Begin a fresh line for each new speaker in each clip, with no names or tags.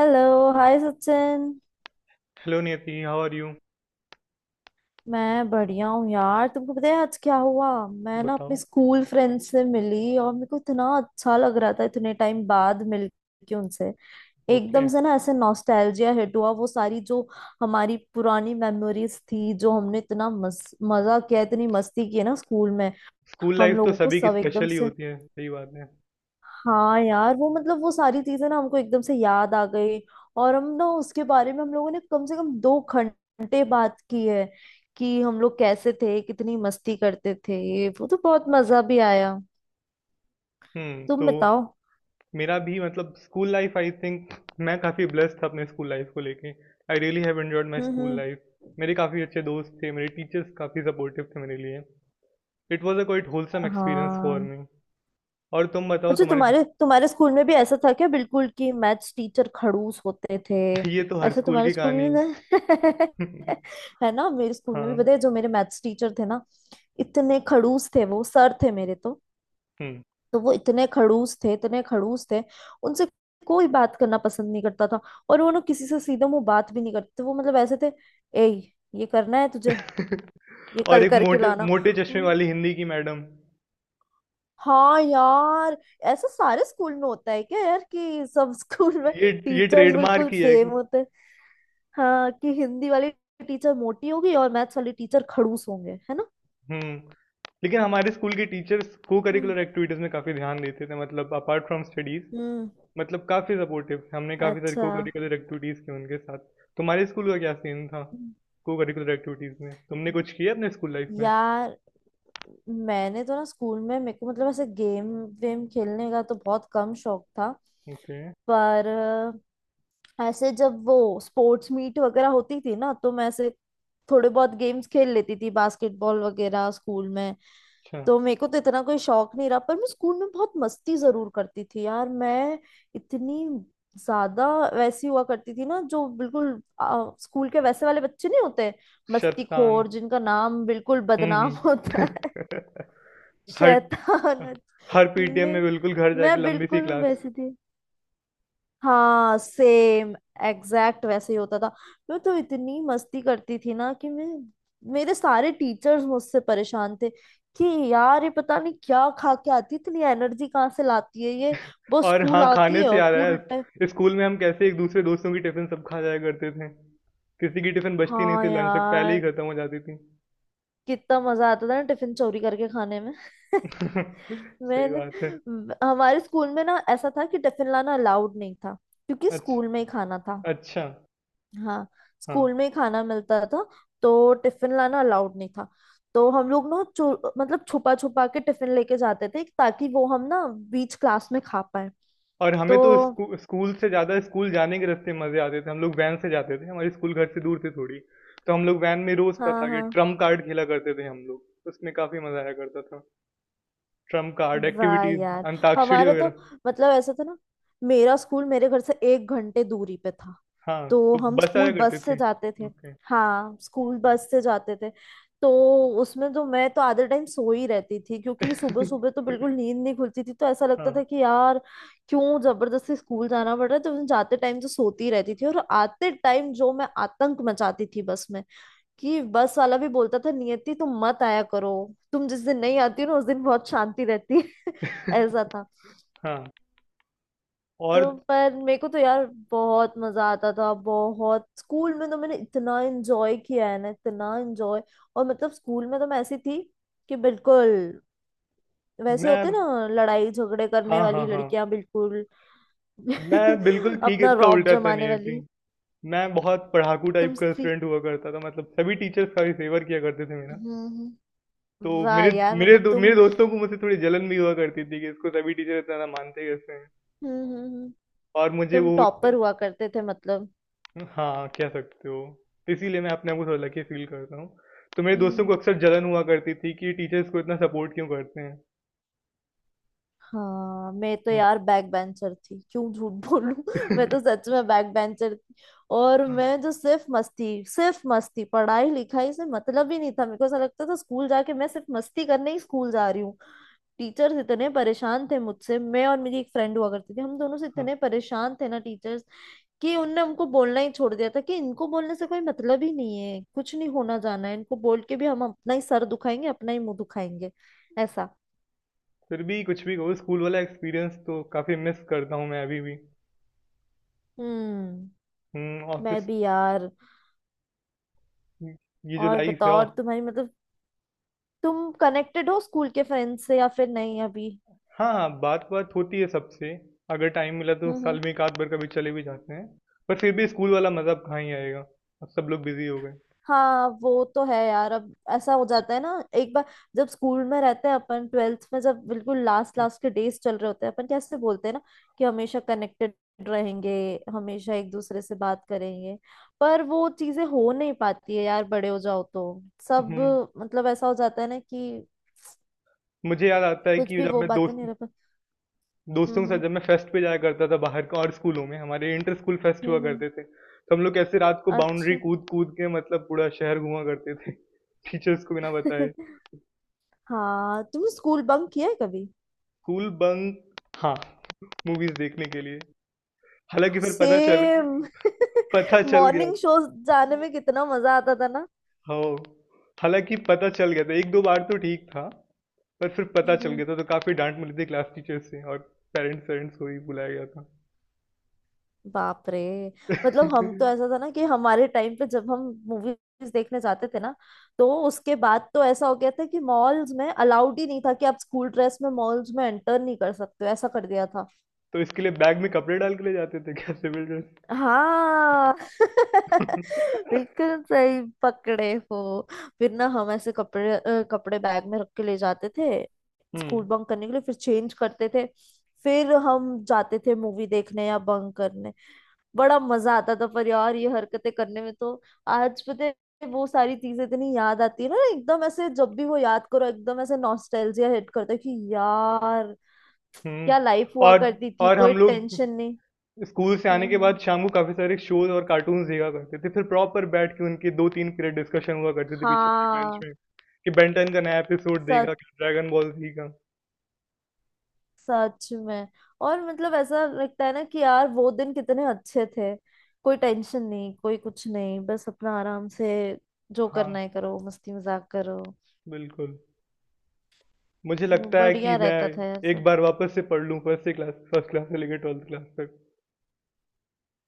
Hello. Hi Sachin.
Hello Niyati, how are you.
मैं बढ़िया हूँ यार। तुमको पता है आज क्या हुआ? मैं ना अपने
बताओ।
स्कूल फ्रेंड से मिली और मेरे को इतना अच्छा लग रहा था इतने टाइम बाद मिल के उनसे।
ओके।
एकदम से ना ऐसे नॉस्टैल्जिया हिट हुआ, वो सारी जो हमारी पुरानी मेमोरीज थी, जो हमने इतना मजा किया, इतनी मस्ती की है ना स्कूल में।
स्कूल
हम
लाइफ तो
लोगों को
सभी की
सब एकदम
स्पेशल ही
से,
होती है, सही बात है।
हाँ यार, वो मतलब वो सारी चीजें ना हमको एकदम से याद आ गई। और हम ना उसके बारे में हम लोगों ने कम से कम 2 घंटे बात की है कि हम लोग कैसे थे, कितनी मस्ती करते थे, ये वो। तो बहुत मजा भी आया।
हम्म
तुम
तो
बताओ।
मेरा भी, मतलब, स्कूल लाइफ आई थिंक मैं काफ़ी ब्लेस्ड था अपने स्कूल लाइफ को लेके। I really have enjoyed my school
hmm.
Life. मेरे काफ़ी अच्छे दोस्त थे, मेरे टीचर्स काफ़ी सपोर्टिव थे मेरे लिए। It was a quite wholesome experience for
हाँ।
मी। और तुम बताओ,
अच्छा
तुम्हारी।
तुम्हारे तुम्हारे स्कूल में भी ऐसा था क्या बिल्कुल, कि मैथ्स टीचर खड़ूस होते थे?
ये तो हर
ऐसा
स्कूल
तुम्हारे
की
स्कूल
कहानी
में
है।
ना है ना, मेरे स्कूल में भी
हाँ।
पता है, जो मेरे मैथ्स टीचर थे ना, इतने खड़ूस थे। वो सर थे मेरे तो।
हम्म।
तो वो इतने खड़ूस थे, इतने खड़ूस थे। उनसे कोई बात करना पसंद नहीं करता था। और वो ना किसी से सीधा मुंह बात भी नहीं करते थे। वो मतलब ऐसे थे, ए, ये करना है तुझे, ये
और
कल
एक
करके
मोटे
लाना।
मोटे चश्मे
"हम्म,
वाली हिंदी की मैडम।
हाँ यार, ऐसा सारे स्कूल में होता है क्या यार कि सब स्कूल में
ये ये
टीचर्स
ट्रेडमार्क
बिल्कुल
ही है।
सेम होते हैं? हाँ, कि हिंदी वाली टीचर मोटी होगी और मैथ्स वाली टीचर खड़ूस होंगे, है ना।
हम्म। लेकिन हमारे स्कूल के टीचर्स को
हम्म
करिकुलर एक्टिविटीज में काफी ध्यान देते थे, मतलब अपार्ट फ्रॉम स्टडीज।
हम्म।
मतलब काफी सपोर्टिव थे, हमने काफी सारी
अच्छा।
को करिकुलर एक्टिविटीज की उनके साथ। तुम्हारे स्कूल का क्या सीन था?
हम्म।
को करिकुलर एक्टिविटीज में तुमने कुछ किया अपने स्कूल लाइफ में?
यार मैंने तो ना स्कूल में, मेरे को मतलब ऐसे गेम वेम खेलने का तो बहुत कम शौक था।
ओके।
पर ऐसे जब वो स्पोर्ट्स मीट वगैरह होती थी ना, तो मैं ऐसे थोड़े बहुत गेम्स खेल लेती थी, बास्केटबॉल वगैरह स्कूल में।
अच्छा।
तो मेरे को तो इतना कोई शौक नहीं रहा, पर मैं स्कूल में बहुत मस्ती जरूर करती थी यार। मैं इतनी ज्यादा वैसी हुआ करती थी ना, जो बिल्कुल स्कूल के वैसे वाले बच्चे नहीं होते,
शैतान।
मस्तीखोर, जिनका नाम बिल्कुल बदनाम होता है।
हम्म। हर
शैतान,
हर
अच्छा।
पीटीएम में
मैं
बिल्कुल घर
मैं
जाके लंबी सी
बिल्कुल
क्लास।
वैसी थी। हाँ सेम, एग्जैक्ट वैसे ही होता था। मैं तो इतनी मस्ती करती थी ना कि मैं, मेरे सारे टीचर्स मुझसे परेशान थे कि यार ये पता नहीं क्या खा के आती है, इतनी एनर्जी कहाँ से लाती है ये। वो
और
स्कूल
हाँ,
आती
खाने
है
से
और
याद
पूरे टाइम।
आया, स्कूल में हम कैसे एक दूसरे दोस्तों की टिफिन सब खा जाया करते थे। किसी की टिफिन बचती नहीं
हाँ
थी, लंच तक पहले ही
यार,
खत्म हो जाती थी।
कितना मजा आता था ना टिफिन चोरी करके खाने में
सही
मैंने,
बात है।
हमारे स्कूल में ना ऐसा था कि टिफिन लाना अलाउड नहीं था, क्योंकि स्कूल
अच्छा।
में ही खाना था।
अच्छा।
हाँ,
हाँ।
स्कूल में ही खाना मिलता था। तो टिफिन लाना अलाउड नहीं था। तो हम लोग ना चो मतलब छुपा छुपा के टिफिन लेके जाते थे ताकि वो हम ना बीच क्लास में खा पाए।
और हमें
तो
तो स्कूल से ज्यादा स्कूल जाने के रास्ते मजे आते थे। हम लोग वैन से जाते थे, हमारे स्कूल घर से दूर थे थोड़ी। तो हम लोग वैन में रोज का
हाँ हाँ।
टारगेट ट्रम्प कार्ड खेला करते थे, हम लोग उसमें काफी मजा आया करता था। ट्रम्प कार्ड
वाह
एक्टिविटीज,
यार।
अंताक्षरी
हमारा तो
वगैरह।
मतलब ऐसा था ना, मेरा स्कूल मेरे घर से 1 घंटे दूरी पे था।
हाँ,
तो
तो
हम
बस
स्कूल
आया करते
बस से
थे।
जाते थे।
ओके।
हाँ, स्कूल बस से जाते थे। तो उसमें तो मैं तो आधे टाइम सो ही रहती थी, क्योंकि सुबह सुबह तो बिल्कुल नींद नहीं खुलती थी। तो ऐसा लगता
हाँ
था कि यार क्यों जबरदस्ती स्कूल जाना पड़ रहा है। तो मैं जाते टाइम तो सोती रहती थी और आते टाइम जो मैं आतंक मचाती थी बस में, कि बस वाला भी बोलता था, नियति तुम मत आया करो, तुम जिस दिन नहीं आती हो ना उस दिन बहुत शांति रहती है ऐसा था।
हाँ। और
तो पर मेरे को तो यार बहुत मजा आता था बहुत, स्कूल में तो मैंने इतना एंजॉय किया है ना, इतना एंजॉय। और मतलब स्कूल में तो मैं ऐसी थी कि बिल्कुल वैसे होते
मैं।
ना लड़ाई झगड़े करने
हाँ हाँ
वाली
हाँ।
लड़कियां, बिल्कुल
मैं बिल्कुल ठीक
अपना
इसका
रौब
उल्टा था,
जमाने
नहीं थी।
वाली।
मैं बहुत पढ़ाकू
तुम
टाइप का
सी,
स्टूडेंट हुआ करता था, मतलब सभी टीचर्स काफी फेवर किया करते थे मेरा।
हम्म हम्म।
तो
वाह
मेरे
यार
मेरे
मतलब
दो, मेरे
तुम।
दोस्तों को मुझसे थोड़ी जलन भी हुआ करती थी कि इसको सभी टीचर इतना ना मानते कैसे हैं।
हम्म हम्म हम्म,
और मुझे
तुम
वो।
टॉपर हुआ करते थे मतलब।
हाँ, कह सकते हो। तो इसीलिए मैं अपने आप को थोड़ा लकी फील करता हूँ। तो मेरे दोस्तों को अक्सर
हम्म।
जलन हुआ करती थी कि टीचर्स को इतना सपोर्ट क्यों करते हैं।
हाँ मैं तो यार बैक बेंचर थी, क्यों झूठ बोलूं मैं तो सच में बैक बेंचर थी। और
हम्म।
मैं जो सिर्फ मस्ती सिर्फ मस्ती, पढ़ाई लिखाई से मतलब ही नहीं था मेरे को। ऐसा लगता था स्कूल जाके मैं सिर्फ मस्ती करने ही स्कूल जा रही हूँ। टीचर्स इतने परेशान थे मुझसे, मैं और मेरी एक फ्रेंड हुआ करती थी, हम दोनों से
हाँ।
इतने परेशान थे ना टीचर्स कि उनने हमको बोलना ही छोड़ दिया था, कि इनको बोलने से कोई मतलब ही नहीं है, कुछ नहीं होना जाना है, इनको बोल के भी हम अपना ही सर दुखाएंगे, अपना ही मुंह दुखाएंगे। ऐसा।
फिर भी कुछ भी कहो, स्कूल वाला एक्सपीरियंस तो काफी मिस करता हूँ मैं अभी भी।
हम्म। मैं
ऑफिस।
भी यार।
ये जो
और
लाइफ है
बताओ, और
ऑफ।
तुम्हारी मतलब, तुम कनेक्टेड हो स्कूल के फ्रेंड से या फिर नहीं अभी?
हाँ हाँ, बात बात होती है सबसे। अगर टाइम मिला तो
हम्म।
साल में एक आध बार कभी चले भी जाते हैं। पर फिर भी स्कूल वाला मजा अब कहाँ ही आएगा। अब सब लोग बिजी हो गए।
हाँ वो तो है यार, अब ऐसा हो जाता है ना। एक बार जब स्कूल में रहते हैं अपन, ट्वेल्थ में जब बिल्कुल लास्ट लास्ट के डेज चल रहे होते हैं, अपन कैसे बोलते हैं ना कि हमेशा कनेक्टेड रहेंगे, हमेशा एक दूसरे से बात करेंगे। पर वो चीजें हो नहीं पाती है यार, बड़े हो जाओ तो सब
हम्म।
मतलब ऐसा हो जाता है ना कि
मुझे याद आता है
कुछ
कि
भी
जब
वो
मैं
बातें नहीं
दोस्तों के साथ
हम्म।
जब मैं फेस्ट पे जाया करता था बाहर का। और स्कूलों में हमारे इंटर स्कूल फेस्ट हुआ
हम्म।
करते थे, तो हम लोग कैसे रात को बाउंड्री
अच्छा
कूद कूद के, मतलब, पूरा शहर घुमा करते थे टीचर्स को बिना बताए।
हाँ तुमने स्कूल बंक किया है कभी?
School bunk? हाँ, मूवीज़ देखने के लिए। हालाँकि फिर पता चल
सेम,
पता चल गया।
मॉर्निंग शो जाने में कितना मजा आता था ना।
हो। हालाँकि पता चल गया था, 1-2 बार तो ठीक था, पर फिर पता चल
हम्म।
गया था तो काफ़ी डाँट मिली थी क्लास टीचर से, और पेरेंट्स-वेरेंट्स को भी बुलाया गया था।
बाप रे। मतलब हम तो ऐसा था ना कि हमारे टाइम पे जब हम मूवीज देखने जाते थे ना, तो उसके बाद तो ऐसा हो गया था कि मॉल्स में अलाउड ही नहीं था, कि आप स्कूल ड्रेस में मॉल्स में एंटर नहीं कर सकते हो, ऐसा कर दिया था।
तो इसके लिए बैग में कपड़े डाल के ले जाते थे क्या, सिविल ड्रेस?
हाँ बिल्कुल सही पकड़े हो। फिर ना हम ऐसे कपड़े, कपड़े बैग में रख के ले जाते थे, स्कूल
हुँ।
बंक करने के लिए, फिर चेंज करते थे, फिर हम जाते थे मूवी देखने या बंक करने। बड़ा मजा आता था पर यार ये हरकतें करने में तो। आज पता है, वो सारी चीजें इतनी याद आती है ना, एकदम ऐसे जब भी वो याद करो, एकदम ऐसे नॉस्टैल्जिया हिट करता है कि यार
हुँ।
क्या लाइफ हुआ
और
करती थी,
और
कोई
हम लोग
टेंशन नहीं।
स्कूल से आने के
हम्म।
बाद शाम को काफ़ी सारे शोज़ और कार्टून्स देखा करते थे। फिर प्रॉपर बैठ के उनके 2-3 पीरियड डिस्कशन हुआ करते थे पीछे वाली बेंच
हाँ,
में, कि बेन 10 का नया एपिसोड देखा, कि ड्रैगन बॉल ज़ी का।
सच में। और मतलब ऐसा लगता है ना कि यार वो दिन कितने अच्छे थे, कोई टेंशन नहीं, कोई कुछ नहीं, बस अपना आराम से जो
हाँ,
करना है करो, मस्ती मजाक करो,
बिल्कुल। मुझे
तो
लगता है कि
बढ़िया
मैं
रहता था यार
एक
सब।
बार वापस से पढ़ लूँ, फर्स्ट क्लास से लेकर 12th क्लास तक।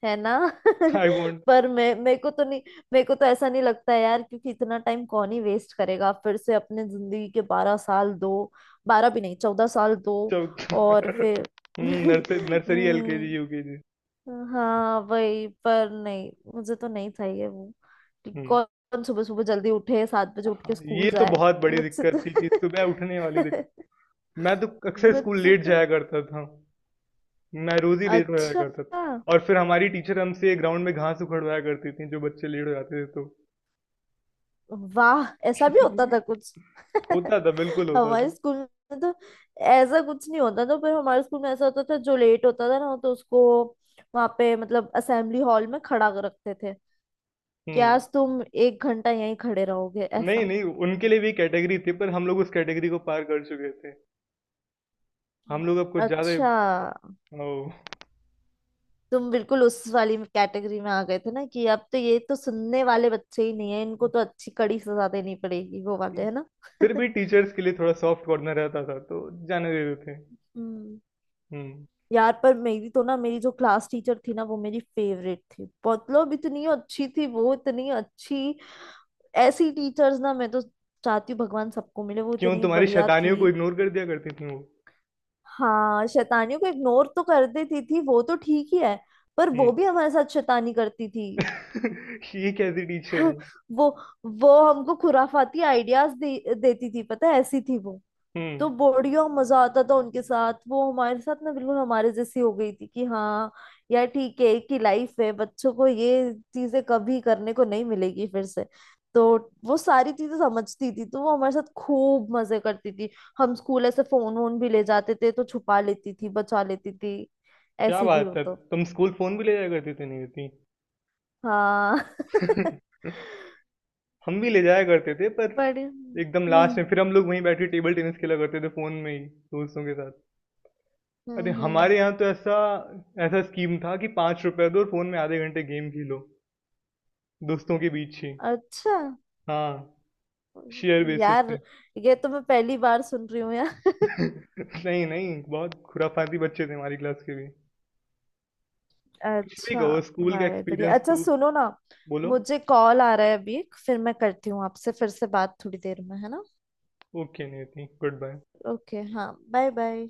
है ना
आई वांट।
पर मैं, मेरे को तो नहीं, मेरे को तो ऐसा नहीं लगता है यार, क्योंकि इतना टाइम कौन ही वेस्ट करेगा फिर से अपने जिंदगी के 12 साल, दो, बारह भी नहीं, 14 साल। दो
चौथ
और फिर
हुँ, nurse nursery, LKG,
hmm,
UKG.
हाँ वही। पर नहीं, मुझे तो नहीं चाहिए वो कि
हुँ।
कौन सुबह सुबह जल्दी उठे, 7 बजे उठ
हाँ,
के
ये
स्कूल
तो
जाए।
बहुत बड़ी
मुझसे तो
दिक्कत थी कि सुबह उठने वाली दिक्कत। मैं तो अक्सर स्कूल
मुझसे
लेट
तो।
जाया करता था। मैं रोज ही लेट हो जाया
अच्छा।
करता था। और फिर हमारी टीचर हमसे ग्राउंड में घास उखड़वाया करती थी जो बच्चे लेट हो जाते थे तो।
वाह ऐसा भी होता था कुछ
होता था, बिल्कुल होता
हमारे
था।
स्कूल में तो ऐसा कुछ नहीं होता था, पर हमारे स्कूल में ऐसा होता था, जो लेट होता था ना तो उसको वहां पे मतलब असेंबली हॉल में खड़ा कर रखते थे कि
हम्म।
आज तुम 1 घंटा यहीं खड़े रहोगे,
नहीं
ऐसा।
नहीं, उनके लिए भी कैटेगरी थी पर हम लोग उस कैटेगरी को पार कर चुके थे। हम लोग अब कुछ ज्यादा
अच्छा।
ही- ओ,
तुम बिल्कुल उस वाली कैटेगरी में आ गए थे ना कि अब तो ये तो सुनने वाले बच्चे ही नहीं है, इनको तो अच्छी कड़ी सजा देनी पड़ेगी, वो वाले, है ना
फिर भी टीचर्स के लिए थोड़ा सॉफ्ट कॉर्नर रहता था तो जाने देते थे।
हम्म।
हम्म।
यार पर मेरी तो ना, मेरी जो क्लास टीचर थी ना वो मेरी फेवरेट थी, मतलब इतनी अच्छी थी वो, इतनी अच्छी। ऐसी टीचर्स ना, मैं तो चाहती हूँ भगवान सबको मिले, वो
क्यों,
इतनी
तुम्हारी
बढ़िया
शैतानियों को
थी।
इग्नोर कर दिया करती थी वो?
हाँ, शैतानियों को इग्नोर तो कर देती थी, वो तो ठीक ही है। पर वो
हम्म।
भी हमारे साथ शैतानी करती थी
ये कैसी टीचर है।
वो वो हमको खुराफाती आइडियाज देती थी, पता है, ऐसी थी वो।
हम्म।
तो बढ़िया मजा आता था उनके साथ। वो हमारे साथ ना बिल्कुल हमारे जैसी हो गई थी, कि हाँ यार ठीक है, एक ही लाइफ है, बच्चों को ये चीजें कभी करने को नहीं मिलेगी फिर से। तो वो सारी चीजें समझती थी, तो वो हमारे साथ खूब मजे करती थी। हम स्कूल ऐसे फोन वोन भी ले जाते थे तो छुपा लेती थी, बचा लेती थी।
क्या
ऐसी थी
बात
वो
है।
तो।
तुम स्कूल फोन भी ले जाया करती थी, नहीं होती?
हाँ
हम भी ले जाया करते थे, पर
बड़े।
एकदम लास्ट में फिर हम लोग वहीं बैठे टेबल टेनिस खेला करते थे फोन में ही, दोस्तों के साथ। अरे
हम्म।
हमारे यहाँ तो ऐसा ऐसा स्कीम था कि 5 रुपए दो और फोन में आधे घंटे गेम खेलो, दोस्तों के बीच ही।
अच्छा।
हाँ। शेयर बेसिस पे।
यार ये तो मैं पहली बार सुन रही हूँ यार
नहीं नहीं, बहुत खुराफाती बच्चे थे हमारी क्लास के भी। कुछ भी
अच्छा।
कहो, स्कूल का
वायर बढ़िया।
एक्सपीरियंस
अच्छा
तो।
सुनो ना,
बोलो।
मुझे कॉल आ रहा है अभी, फिर मैं करती हूँ आपसे फिर से बात, थोड़ी देर में, है ना।
ओके, नहीं थी गुड बाय।
ओके, हाँ बाय बाय।